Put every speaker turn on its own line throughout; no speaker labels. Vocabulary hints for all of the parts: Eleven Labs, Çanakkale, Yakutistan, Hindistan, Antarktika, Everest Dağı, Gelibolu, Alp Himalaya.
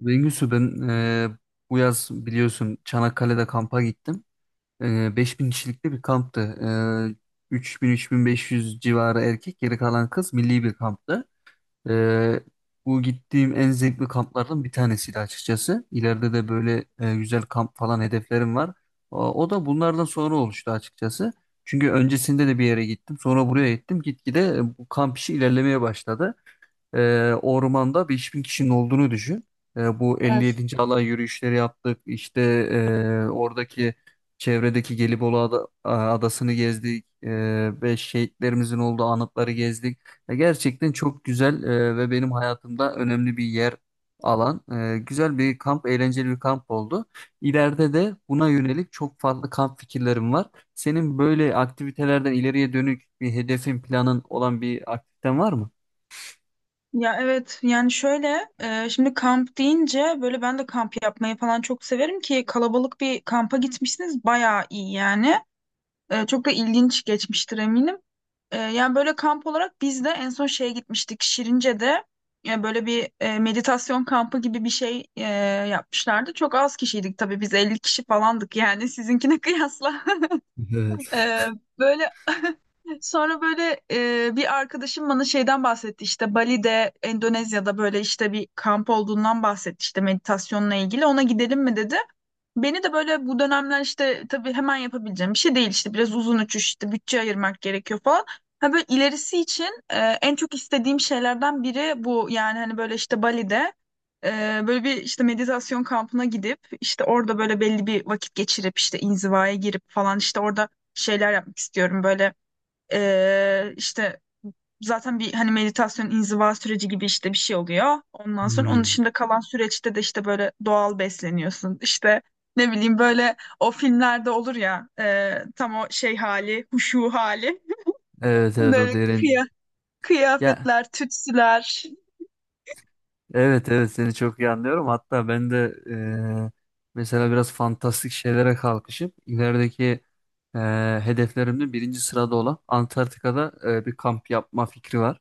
Bengüsü, ben bu yaz biliyorsun Çanakkale'de kampa gittim. 5.000 kişilikli bir kamptı. 3.000-3.500 civarı erkek, geri kalan kız milli bir kamptı. E, Bu gittiğim en zevkli kamplardan bir tanesiydi açıkçası. İleride de böyle güzel kamp falan hedeflerim var. O da bunlardan sonra oluştu açıkçası. Çünkü öncesinde de bir yere gittim, sonra buraya gittim. Gitgide bu kamp işi ilerlemeye başladı, ormanda 5.000 kişinin olduğunu düşün. Bu
Evet.
57. alay yürüyüşleri yaptık. İşte oradaki, çevredeki Gelibolu adasını gezdik. Ve şehitlerimizin olduğu anıtları gezdik. Gerçekten çok güzel ve benim hayatımda önemli bir yer alan güzel bir kamp, eğlenceli bir kamp oldu. İleride de buna yönelik çok farklı kamp fikirlerim var. Senin böyle aktivitelerden ileriye dönük bir hedefin, planın olan bir aktiviten var mı?
Ya, evet, yani şöyle şimdi kamp deyince böyle ben de kamp yapmayı falan çok severim ki kalabalık bir kampa gitmişsiniz bayağı iyi yani. Çok da ilginç geçmiştir eminim. Yani böyle kamp olarak biz de en son şeye gitmiştik Şirince'de, böyle bir meditasyon kampı gibi bir şey yapmışlardı. Çok az kişiydik tabii biz 50 kişi falandık yani sizinkine kıyasla.
Evet.
Ee, Böyle sonra böyle bir arkadaşım bana şeyden bahsetti işte Bali'de, Endonezya'da böyle işte bir kamp olduğundan bahsetti işte meditasyonla ilgili, ona gidelim mi dedi. Beni de böyle bu dönemler işte tabii hemen yapabileceğim bir şey değil, işte biraz uzun uçuş, işte bütçe ayırmak gerekiyor falan. Ha, böyle ilerisi için en çok istediğim şeylerden biri bu yani, hani böyle işte Bali'de e, böyle bir işte meditasyon kampına gidip işte orada böyle belli bir vakit geçirip işte inzivaya girip falan, işte orada şeyler yapmak istiyorum böyle, işte. Zaten bir hani meditasyon inziva süreci gibi işte bir şey oluyor. Ondan sonra onun
Hmm.
dışında kalan süreçte de işte böyle doğal besleniyorsun. İşte ne bileyim, böyle o filmlerde olur ya, tam o şey hali, huşu hali.
Evet, evet,
Böyle
o derin.
kıya-
Ya,
kıyafetler, tütsüler.
evet evet, seni çok iyi anlıyorum. Hatta ben de mesela biraz fantastik şeylere kalkışıp ilerideki hedeflerimde birinci sırada olan Antarktika'da bir kamp yapma fikri var.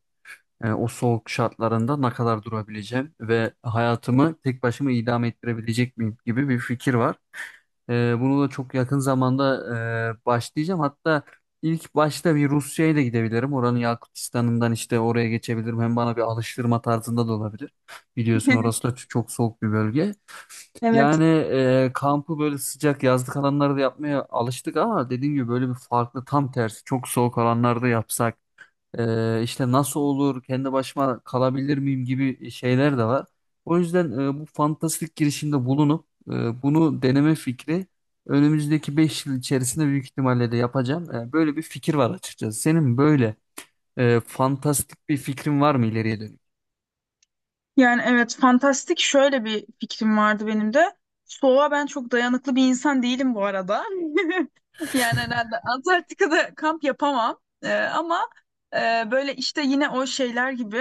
Yani o soğuk şartlarında ne kadar durabileceğim ve hayatımı tek başıma idame ettirebilecek miyim gibi bir fikir var. Bunu da çok yakın zamanda başlayacağım. Hatta ilk başta bir Rusya'ya da gidebilirim. Oranın Yakutistan'ından işte oraya geçebilirim. Hem bana bir alıştırma tarzında da olabilir. Biliyorsun orası da çok soğuk bir bölge.
Evet.
Yani kampı böyle sıcak yazlık alanlarda yapmaya alıştık ama dediğim gibi böyle bir farklı, tam tersi çok soğuk alanlarda yapsak. İşte nasıl olur, kendi başıma kalabilir miyim gibi şeyler de var. O yüzden bu fantastik girişimde bulunup bunu deneme fikri önümüzdeki 5 yıl içerisinde büyük ihtimalle de yapacağım. Böyle bir fikir var açıkçası. Senin böyle fantastik bir fikrin var mı ileriye dönük?
Yani evet, fantastik şöyle bir fikrim vardı benim de. Soğuğa ben çok dayanıklı bir insan değilim bu arada. Yani herhalde Antarktika'da kamp yapamam. Ama böyle işte yine o şeyler gibi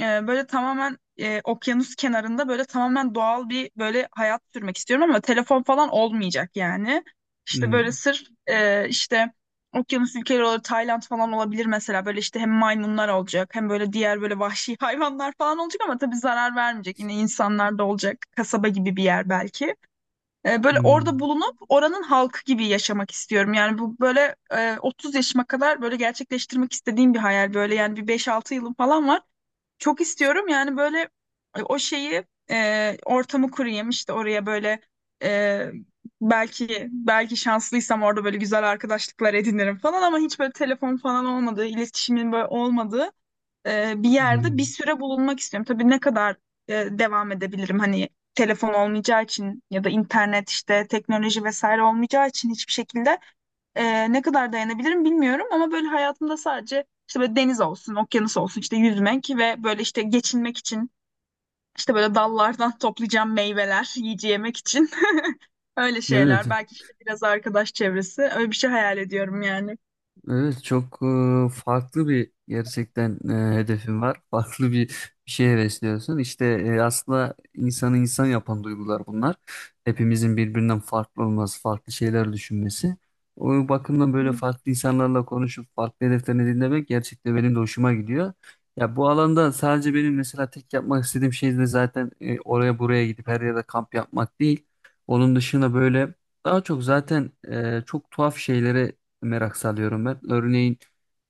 böyle tamamen okyanus kenarında böyle tamamen doğal bir böyle hayat sürmek istiyorum ama telefon falan olmayacak yani. İşte böyle
Hmm,
sırf işte. Okyanus ülkeleri olur, Tayland falan olabilir mesela. Böyle işte hem maymunlar olacak, hem böyle diğer böyle vahşi hayvanlar falan olacak ama tabii zarar vermeyecek. Yine insanlar da olacak. Kasaba gibi bir yer belki. Böyle orada
hmm,
bulunup oranın halkı gibi yaşamak istiyorum. Yani bu böyle 30 yaşıma kadar böyle gerçekleştirmek istediğim bir hayal. Böyle yani bir 5-6 yılım falan var. Çok istiyorum yani böyle, o şeyi, ortamı kurayım işte oraya böyle, e, belki şanslıysam orada böyle güzel arkadaşlıklar edinirim falan ama hiç böyle telefon falan olmadığı, iletişimin böyle olmadığı bir yerde bir
hmm.
süre bulunmak istiyorum. Tabii ne kadar devam edebilirim, hani telefon olmayacağı için ya da internet, işte teknoloji vesaire olmayacağı için hiçbir şekilde ne kadar dayanabilirim bilmiyorum ama böyle hayatımda sadece işte böyle deniz olsun, okyanus olsun, işte yüzmek ve böyle işte geçinmek için işte böyle dallardan toplayacağım meyveler, yiyece yemek için öyle
Evet.
şeyler. Belki işte biraz arkadaş çevresi. Öyle bir şey hayal ediyorum yani.
Evet, çok farklı bir, gerçekten hedefin var. Bir şey hevesliyorsun. İşte aslında insanı insan yapan duygular bunlar. Hepimizin birbirinden farklı olması, farklı şeyler düşünmesi. O bakımdan böyle farklı insanlarla konuşup farklı hedeflerini dinlemek gerçekten benim de hoşuma gidiyor. Ya, bu alanda sadece benim mesela tek yapmak istediğim şey de zaten oraya buraya gidip her yerde kamp yapmak değil. Onun dışında böyle daha çok zaten çok tuhaf şeylere merak salıyorum ben. Örneğin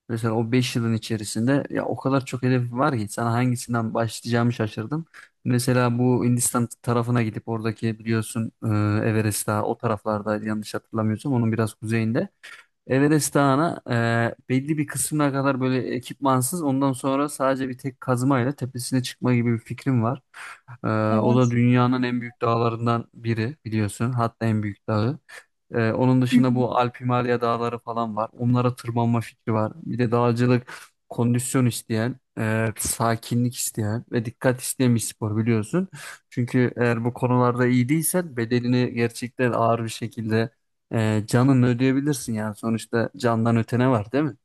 mesela o 5 yılın içerisinde ya o kadar çok hedef var ki sana hangisinden başlayacağımı şaşırdım. Mesela bu Hindistan tarafına gidip oradaki, biliyorsun Everest Dağı o taraflarda, yanlış hatırlamıyorsam onun biraz kuzeyinde. Everest Dağı'na belli bir kısmına kadar böyle ekipmansız, ondan sonra sadece bir tek kazmayla tepesine çıkma gibi bir fikrim var. E, O da
Evet.
dünyanın en büyük dağlarından biri, biliyorsun, hatta en büyük dağı. Onun
Hı hı.
dışında bu Alp Himalaya dağları falan var. Onlara tırmanma fikri var. Bir de dağcılık kondisyon isteyen, sakinlik isteyen ve dikkat isteyen bir spor, biliyorsun. Çünkü eğer bu konularda iyi değilsen bedelini gerçekten ağır bir şekilde canınla ödeyebilirsin yani. Sonuçta candan ötene var, değil mi?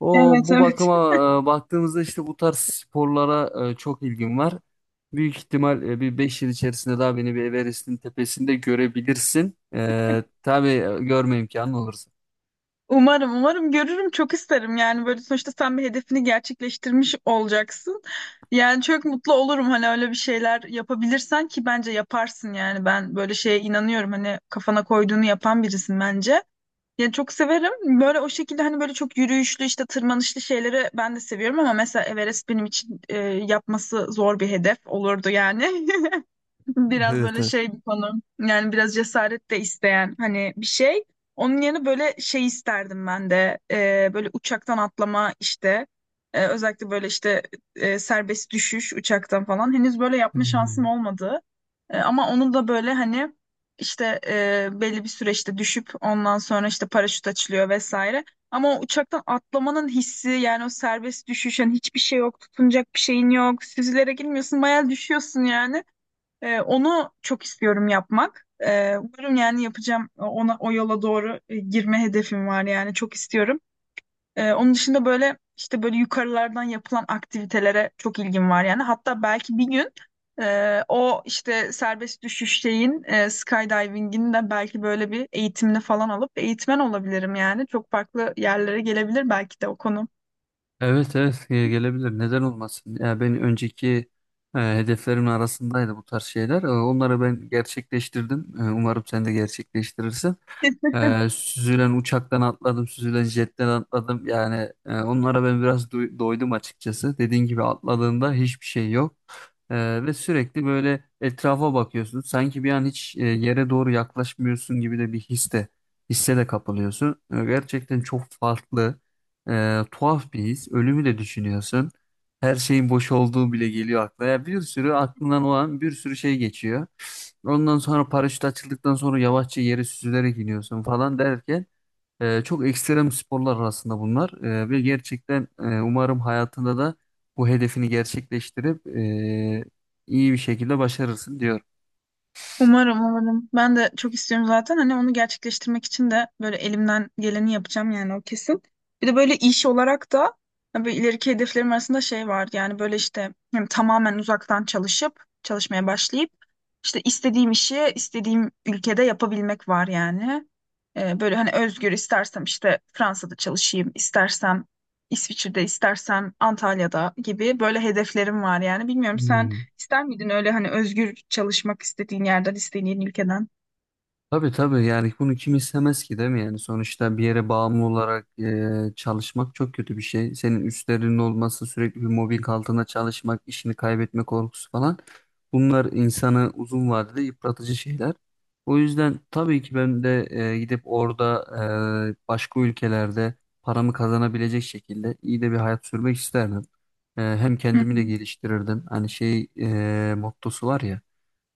O
Evet,
bu
evet.
bakıma baktığımızda işte bu tarz sporlara çok ilgim var. Büyük ihtimal bir 5 yıl içerisinde daha beni bir Everest'in tepesinde görebilirsin. Tabii görme imkanı olursa.
Umarım, umarım görürüm. Çok isterim yani böyle, sonuçta sen bir hedefini gerçekleştirmiş olacaksın. Yani çok mutlu olurum hani öyle bir şeyler yapabilirsen, ki bence yaparsın yani, ben böyle şeye inanıyorum hani kafana koyduğunu yapan birisin bence. Yani çok severim. Böyle o şekilde hani böyle çok yürüyüşlü işte tırmanışlı şeyleri ben de seviyorum ama mesela Everest benim için yapması zor bir hedef olurdu yani. Biraz
Evet,
böyle
evet.
şey bir konu. Yani biraz cesaret de isteyen hani bir şey. Onun yerine böyle şey isterdim ben de. Böyle uçaktan atlama işte. Özellikle böyle işte serbest düşüş uçaktan falan. Henüz böyle yapma şansım
Hmm.
olmadı. Ama onu da böyle hani işte belli bir süreçte düşüp ondan sonra işte paraşüt açılıyor vesaire. Ama o uçaktan atlamanın hissi, yani o serbest düşüş, hani hiçbir şey yok, tutunacak bir şeyin yok, süzülerek girmiyorsun, bayağı düşüyorsun yani. Onu çok istiyorum yapmak. Umarım yani yapacağım, ona o yola doğru girme hedefim var yani, çok istiyorum. Onun dışında böyle işte böyle yukarılardan yapılan aktivitelere çok ilgim var yani. Hatta belki bir gün o işte serbest düşüş şeyin, skydiving'in de belki böyle bir eğitimini falan alıp eğitmen olabilirim yani. Çok farklı yerlere gelebilir belki de o konu.
Evet evet, gelebilir. Neden olmasın? Ya, ben önceki hedeflerimin arasındaydı bu tarz şeyler. Onları ben gerçekleştirdim. Umarım sen de gerçekleştirirsin. Süzülen uçaktan atladım, süzülen jetten atladım. Yani onlara ben biraz doydum açıkçası. Dediğin gibi atladığında hiçbir şey yok. Ve sürekli böyle etrafa bakıyorsun. Sanki bir an hiç yere doğru yaklaşmıyorsun gibi de hisse de kapılıyorsun. Gerçekten çok farklı, tuhaf bir his. Ölümü de düşünüyorsun. Her şeyin boş olduğu bile geliyor aklına. Ya, bir sürü aklından olan bir sürü şey geçiyor. Ondan sonra paraşüt açıldıktan sonra yavaşça yere süzülerek iniyorsun falan derken çok ekstrem sporlar arasında bunlar. Ve gerçekten umarım hayatında da bu hedefini gerçekleştirip iyi bir şekilde başarırsın diyorum.
Umarım, umarım. Ben de çok istiyorum zaten. Hani onu gerçekleştirmek için de böyle elimden geleni yapacağım yani, o kesin. Bir de böyle iş olarak da hani böyle ileriki hedeflerim arasında şey var. Yani böyle işte hem tamamen uzaktan çalışıp, çalışmaya başlayıp işte istediğim işi istediğim ülkede yapabilmek var yani. Böyle hani özgür, istersem işte Fransa'da çalışayım, istersem İsviçre'de, istersem Antalya'da gibi böyle hedeflerim var yani. Bilmiyorum, sen
Hmm.
İster miydin öyle hani özgür çalışmak, istediğin yerden, istediğin ülkeden?
Tabii, tabii, yani bunu kim istemez ki, değil mi? Yani sonuçta bir yere bağımlı olarak çalışmak çok kötü bir şey. Senin üstlerinin olması, sürekli bir mobbing altında çalışmak, işini kaybetme korkusu falan, bunlar insanı uzun vadede yıpratıcı şeyler. O yüzden tabii ki ben de gidip orada başka ülkelerde paramı kazanabilecek şekilde iyi de bir hayat sürmek isterdim. Hem kendimi de geliştirirdim, hani şey mottosu var ya.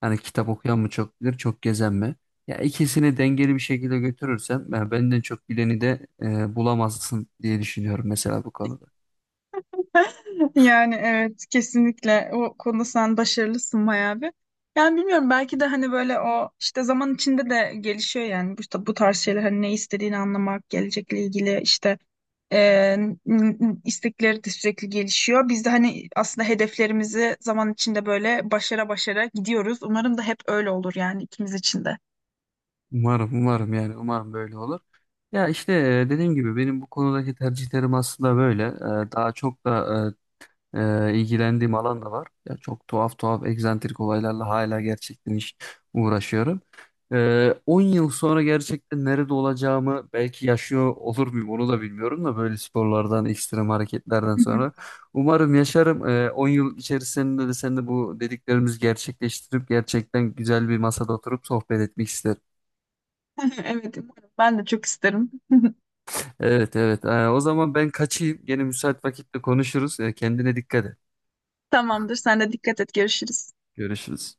Hani kitap okuyan mı çok bilir, çok gezen mi? Ya, ikisini dengeli bir şekilde götürürsem ben, benden çok bileni de bulamazsın diye düşünüyorum mesela bu konuda.
Yani evet, kesinlikle o konuda sen başarılısın bayağı bir. Yani bilmiyorum, belki de hani böyle o işte zaman içinde de gelişiyor yani bu, işte bu tarz şeyler, hani ne istediğini anlamak, gelecekle ilgili işte Ee, istekleri de sürekli gelişiyor. Biz de hani aslında hedeflerimizi zaman içinde böyle başara başara gidiyoruz. Umarım da hep öyle olur yani ikimiz için de.
Umarım, umarım, yani umarım böyle olur. Ya işte dediğim gibi benim bu konudaki tercihlerim aslında böyle. Daha çok da ilgilendiğim alan da var. Ya, çok tuhaf tuhaf egzantrik olaylarla hala gerçekten uğraşıyorum. 10 yıl sonra gerçekten nerede olacağımı, belki yaşıyor olur muyum onu da bilmiyorum da, böyle sporlardan, ekstrem hareketlerden
Hı hı.
sonra. Umarım yaşarım. 10 yıl içerisinde de sen de bu dediklerimizi gerçekleştirip gerçekten güzel bir masada oturup sohbet etmek isterim.
Evet, umarım. Ben de çok isterim.
Evet, evet. O zaman ben kaçayım. Gene müsait vakitte konuşuruz. Kendine dikkat et.
Tamamdır. Sen de dikkat et. Görüşürüz.
Görüşürüz.